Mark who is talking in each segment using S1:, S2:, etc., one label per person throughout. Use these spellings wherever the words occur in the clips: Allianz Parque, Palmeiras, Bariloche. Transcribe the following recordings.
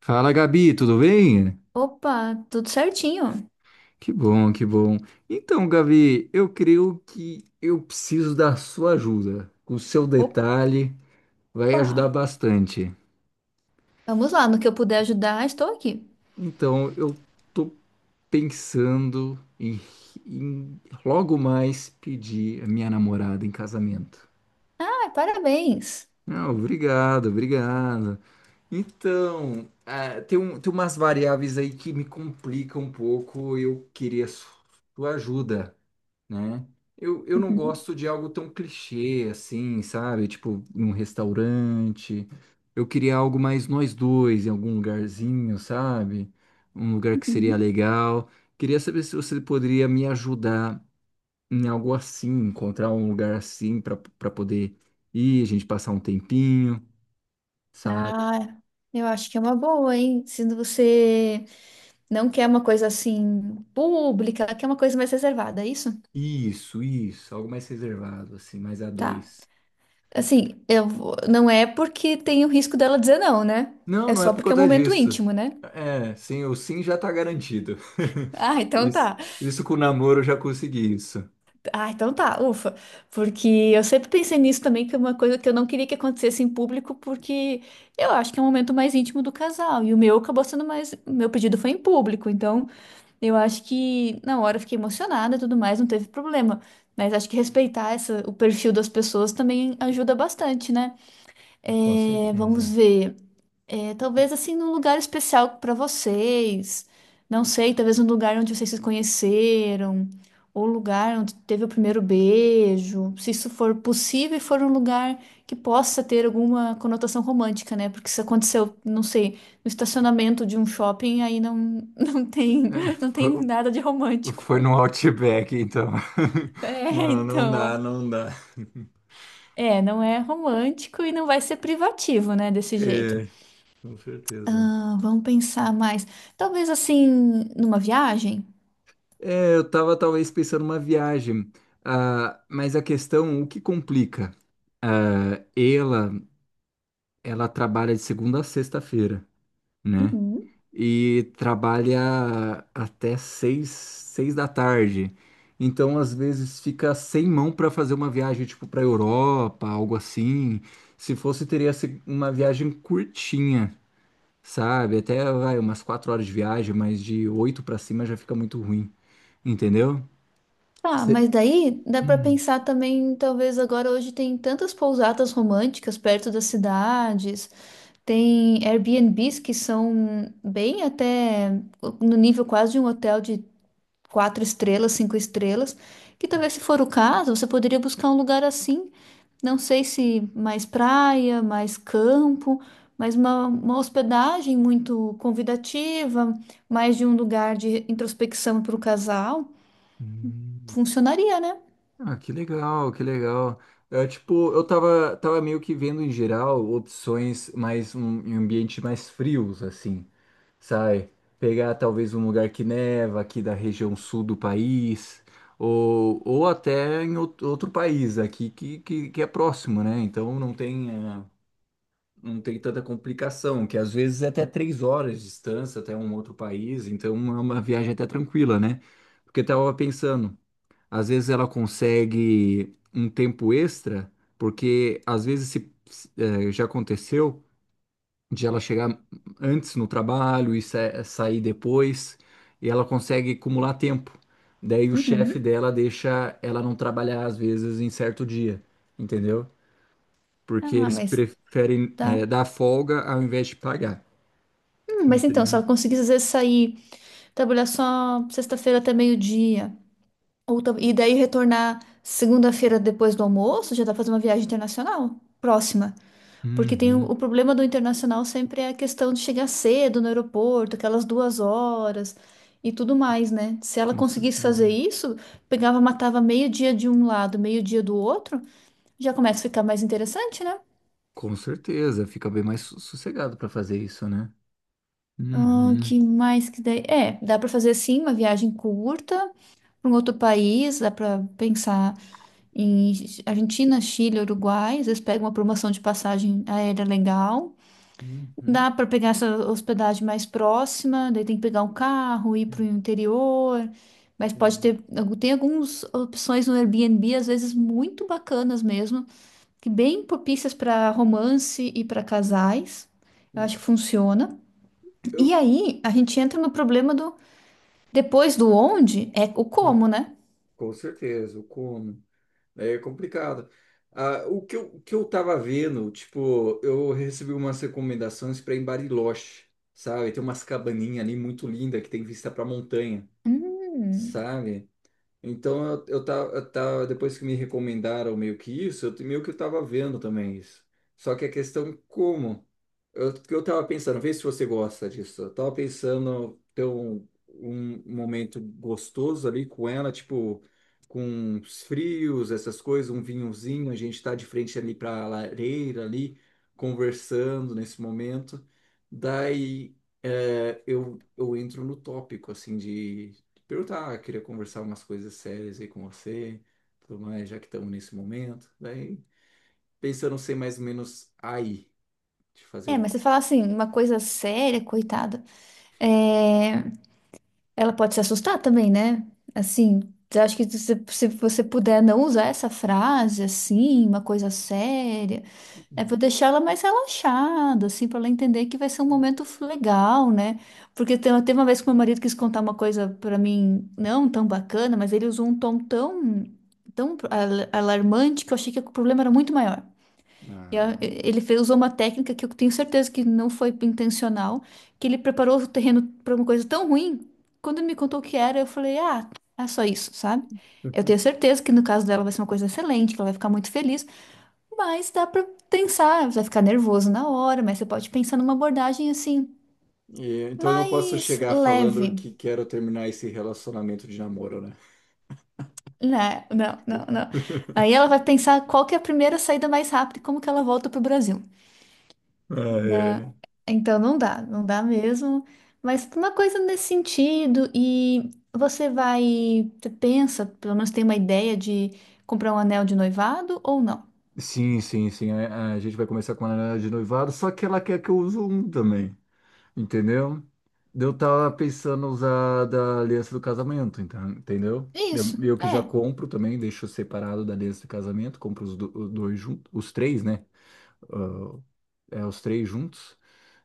S1: Fala, Gabi, tudo bem?
S2: Opa, tudo certinho.
S1: Que bom, que bom. Então, Gabi, eu creio que eu preciso da sua ajuda. O seu detalhe vai ajudar
S2: Opa,
S1: bastante.
S2: vamos lá, no que eu puder ajudar, estou aqui.
S1: Então, eu tô pensando em logo mais pedir a minha namorada em casamento.
S2: Ah, parabéns.
S1: Ah, obrigado, obrigado. Então, tem umas variáveis aí que me complicam um pouco. Eu queria sua ajuda, né? Eu não
S2: Uhum,
S1: gosto de algo tão clichê assim, sabe? Tipo, num restaurante. Eu queria algo mais nós dois, em algum lugarzinho, sabe? Um lugar que seria
S2: uhum.
S1: legal. Queria saber se você poderia me ajudar em algo assim, encontrar um lugar assim para poder ir, a gente passar um tempinho, sabe?
S2: Ah, eu acho que é uma boa, hein? Se você não quer uma coisa assim pública, quer uma coisa mais reservada, é isso?
S1: Isso, algo mais reservado, assim, mais a
S2: Tá.
S1: dois.
S2: Assim, não é porque tem o risco dela dizer não, né?
S1: Não,
S2: É
S1: não é
S2: só
S1: por
S2: porque é um
S1: conta
S2: momento
S1: disso.
S2: íntimo, né?
S1: É, sim, o sim já tá garantido.
S2: Ah, então
S1: Isso,
S2: tá.
S1: isso com o namoro eu já consegui isso.
S2: Ah, então tá, ufa. Porque eu sempre pensei nisso também, que é uma coisa que eu não queria que acontecesse em público, porque eu acho que é um momento mais íntimo do casal. E o meu acabou sendo mais. O Meu pedido foi em público, então eu acho que na hora eu fiquei emocionada e tudo mais, não teve problema. Mas acho que respeitar essa, o perfil das pessoas também ajuda bastante, né?
S1: Com
S2: É,
S1: certeza.
S2: vamos ver. É, talvez assim num lugar especial para vocês. Não sei, talvez um lugar onde vocês se conheceram, ou um lugar onde teve o primeiro beijo, se isso for possível e for um lugar que possa ter alguma conotação romântica, né? Porque se aconteceu, não sei, no estacionamento de um shopping, aí não, não tem,
S1: É,
S2: não tem
S1: Foi,
S2: nada de romântico.
S1: foi no Outback, então.
S2: É,
S1: Não, não
S2: então, é,
S1: dá, não dá.
S2: é, não é romântico e não vai ser privativo, né, desse jeito.
S1: É, com certeza.
S2: Ah, vamos pensar mais. Talvez assim, numa viagem?
S1: É, eu tava talvez pensando uma viagem, mas a questão, o que complica? Ah, ela trabalha de segunda a sexta-feira, né?
S2: Uhum.
S1: E trabalha até seis, 6 da tarde. Então, às vezes, fica sem mão para fazer uma viagem, tipo, para Europa, algo assim. Se fosse, teria sido uma viagem curtinha, sabe? Até, vai, umas 4 horas de viagem, mas de oito para cima já fica muito ruim, entendeu?
S2: Tá,
S1: Cê-
S2: mas daí dá pra
S1: Hum.
S2: pensar também, talvez agora hoje tem tantas pousadas românticas perto das cidades, tem Airbnbs que são bem até no nível quase de um hotel de quatro estrelas, cinco estrelas, que talvez se for o caso, você poderia buscar um lugar assim, não sei se mais praia, mais campo, mas uma hospedagem muito convidativa, mais de um lugar de introspecção para o casal,
S1: Hum.
S2: funcionaria, né?
S1: Ah, que legal, que legal. É, tipo, eu tava meio que vendo em geral opções mais um, em ambientes mais frios, assim. Sai, pegar talvez um lugar que neva aqui da região sul do país, ou até em outro país aqui que, é próximo, né? Então não tem tanta complicação, que às vezes é até 3 horas de distância até um outro país, então é uma viagem até tranquila, né? Porque eu tava pensando, às vezes ela consegue um tempo extra, porque às vezes já aconteceu de ela chegar antes no trabalho e sair depois, e ela consegue acumular tempo. Daí o chefe
S2: Uhum.
S1: dela deixa ela não trabalhar às vezes em certo dia, entendeu? Porque
S2: Ah,
S1: eles
S2: mas
S1: preferem
S2: tá.
S1: dar folga ao invés de pagar.
S2: Mas então, se
S1: Entendeu?
S2: ela conseguisse às vezes sair, trabalhar só sexta-feira até meio-dia, e daí retornar segunda-feira depois do almoço, já dá pra fazer uma viagem internacional próxima. Porque tem
S1: Uhum,
S2: o problema do internacional sempre é a questão de chegar cedo no aeroporto, aquelas duas horas e tudo mais, né? Se ela
S1: com
S2: conseguisse fazer
S1: certeza.
S2: isso, pegava, matava meio-dia de um lado, meio-dia do outro, já começa a ficar mais interessante, né?
S1: Com certeza, fica bem mais sossegado para fazer isso, né?
S2: Ah,
S1: Uhum.
S2: que mais que daí? É, dá para fazer sim uma viagem curta para um outro país, dá para pensar em Argentina, Chile, Uruguai, às vezes pega uma promoção de passagem aérea legal.
S1: Uhum.
S2: Dá para pegar essa hospedagem mais próxima, daí tem que pegar um carro, ir para o interior, mas pode
S1: Uhum.
S2: ter, tem algumas opções no Airbnb, às vezes muito bacanas mesmo, que bem propícias para romance e para casais. Eu acho que funciona. E
S1: Eu.
S2: aí a gente entra no problema do depois do onde é o
S1: Hum.
S2: como, né?
S1: Com certeza, eu como. É complicado. Ah, o que eu tava vendo, tipo, eu recebi umas recomendações para em Bariloche, sabe? Tem umas cabaninhas ali muito linda que tem vista para montanha,
S2: Hum.
S1: sabe? Então eu tava, depois que me recomendaram meio que isso, meio que eu tava vendo também isso. Só que a questão é como? Que eu tava pensando, vê se você gosta disso. Eu tava pensando ter um momento gostoso ali com ela, tipo, com os frios, essas coisas, um vinhozinho, a gente tá de frente ali pra lareira ali, conversando nesse momento. Daí eu entro no tópico assim de perguntar, queria conversar umas coisas sérias aí com você, tudo mais, já que estamos nesse momento. Daí, pensando ser mais ou menos aí, de fazer
S2: É,
S1: o.
S2: mas você fala assim, uma coisa séria, coitada. É, ela pode se assustar também, né? Assim, eu acho que se você puder não usar essa frase assim, uma coisa séria, é pra deixar ela mais relaxada, assim, pra ela entender que vai ser um momento legal, né? Porque teve uma vez que meu marido quis contar uma coisa pra mim não tão bacana, mas ele usou um tom tão, alarmante que eu achei que o problema era muito maior. E a-
S1: Ah.
S2: Ele fe- usou uma técnica que eu tenho certeza que não foi intencional, que ele preparou o terreno para uma coisa tão ruim. Quando ele me contou o que era, eu falei, ah, é só isso, sabe? Eu tenho certeza que no caso dela vai ser uma coisa excelente, que ela vai ficar muito feliz, mas dá para pensar, vai ficar nervoso na hora, mas você pode pensar numa abordagem assim,
S1: E, então eu não posso
S2: mais
S1: chegar falando
S2: leve.
S1: que quero terminar esse relacionamento de namoro, né?
S2: Não, não, não, não. Aí ela vai pensar qual que é a primeira saída mais rápida e como que ela volta para o Brasil.
S1: Ah,
S2: Dá-
S1: é.
S2: Então não dá, não dá mesmo. Mas uma coisa nesse sentido, e você vai, você pensa, pelo menos tem uma ideia de comprar um anel de noivado ou não?
S1: Sim, sim, sim. A gente vai começar com a análise de noivado, só que ela quer que eu use um também. Entendeu? Eu tava pensando usar da aliança do casamento, então, entendeu?
S2: É isso,
S1: Eu que
S2: é,
S1: já compro também, deixo separado da aliança do casamento, compro os dois juntos, os três, né? É, os três juntos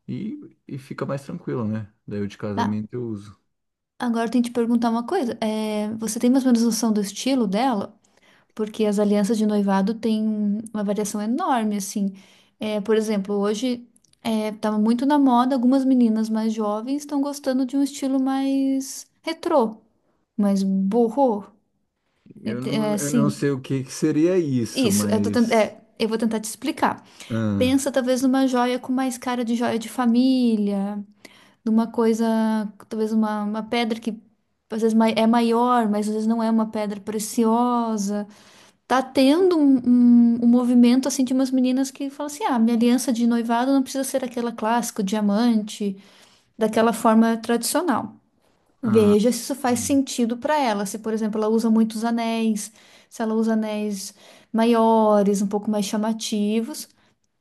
S1: e fica mais tranquilo, né? Daí o de
S2: tá.
S1: casamento eu uso.
S2: Agora eu tenho que te perguntar uma coisa. É, você tem mais ou menos noção do estilo dela? Porque as alianças de noivado têm uma variação enorme, assim. É, por exemplo, hoje é, tá muito na moda, algumas meninas mais jovens estão gostando de um estilo mais retrô. Mas burro,
S1: Eu
S2: é,
S1: não, eu não
S2: assim,
S1: sei o que que seria isso,
S2: isso,
S1: mas.
S2: é, eu vou tentar te explicar.
S1: Ah,
S2: Pensa talvez numa joia com mais cara de joia de família, numa coisa, talvez uma pedra que é maior, mas às vezes não é uma pedra preciosa. Tá tendo um movimento assim de umas meninas que falam assim: ah, minha aliança de noivado não precisa ser aquela clássica, o diamante, daquela forma tradicional.
S1: ah,
S2: Veja se isso faz
S1: ah.
S2: sentido para ela. Se, por exemplo, ela usa muitos anéis, se ela usa anéis maiores, um pouco mais chamativos,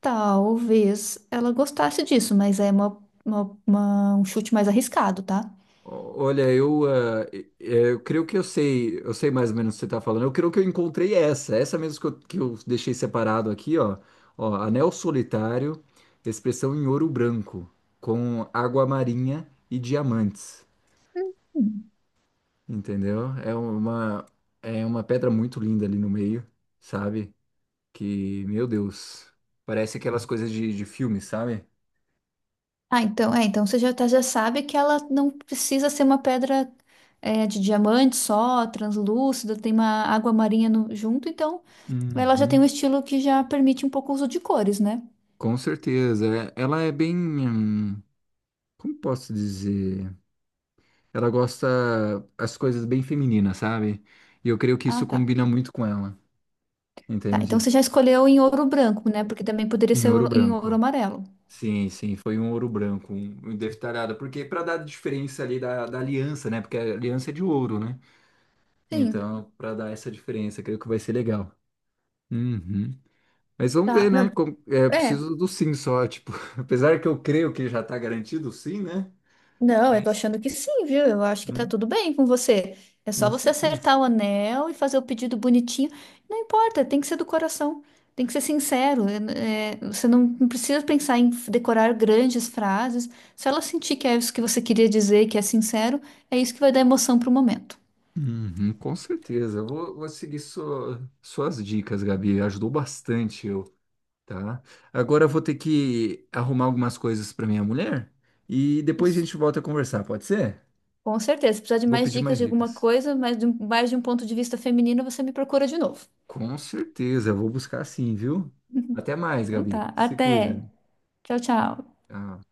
S2: talvez ela gostasse disso, mas é um chute mais arriscado, tá?
S1: Olha, eu creio que eu sei, mais ou menos o que você está falando. Eu creio que eu encontrei essa mesmo que eu deixei separado aqui, ó. Ó, anel solitário, expressão em ouro branco, com água marinha e diamantes,
S2: Hum.
S1: entendeu? É uma pedra muito linda ali no meio, sabe? Que, meu Deus, parece aquelas coisas de filme, sabe?
S2: Ah, então, é, então você já, já sabe que ela não precisa ser uma pedra é, de diamante só, translúcida, tem uma água marinha junto, então ela já tem um
S1: Uhum.
S2: estilo que já permite um pouco o uso de cores, né?
S1: Com certeza. Ela é bem, como posso dizer? Ela gosta as coisas bem femininas, sabe? E eu creio que isso
S2: Ah, tá.
S1: combina muito com ela,
S2: Tá, então
S1: entende?
S2: você já escolheu em ouro branco, né? Porque também poderia
S1: Em
S2: ser
S1: ouro
S2: em ouro
S1: branco.
S2: amarelo.
S1: Sim, sim, foi um ouro branco, um detalhado, porque para dar a diferença ali da aliança, né? Porque a aliança é de ouro, né?
S2: Sim,
S1: Então, para dar essa diferença, creio que vai ser legal. Uhum. Mas vamos
S2: tá.
S1: ver,
S2: Não,
S1: né? É
S2: é.
S1: preciso do sim só, tipo, apesar que eu creio que já tá garantido o sim, né?
S2: Não, eu tô
S1: Mas,
S2: achando que sim, viu? Eu acho que tá
S1: hum,
S2: tudo bem com você. É só
S1: com
S2: você
S1: certeza.
S2: acertar o anel e fazer o pedido bonitinho. Não importa, tem que ser do coração. Tem que ser sincero. É, é, você não precisa pensar em decorar grandes frases. Se ela sentir que é isso que você queria dizer, que é sincero, é isso que vai dar emoção pro momento.
S1: Uhum, com certeza. Eu vou seguir suas dicas, Gabi. Ajudou bastante eu, tá? Agora eu vou ter que arrumar algumas coisas para minha mulher e depois a gente volta a conversar, pode ser?
S2: Com certeza. Se precisar de
S1: Vou
S2: mais
S1: pedir
S2: dicas
S1: mais
S2: de alguma
S1: dicas.
S2: coisa, mas mais de um ponto de vista feminino, você me procura de novo.
S1: Com certeza, eu vou buscar sim, viu? Até mais,
S2: Então
S1: Gabi.
S2: tá.
S1: Se
S2: Até.
S1: cuida.
S2: Tchau, tchau.
S1: Tchau.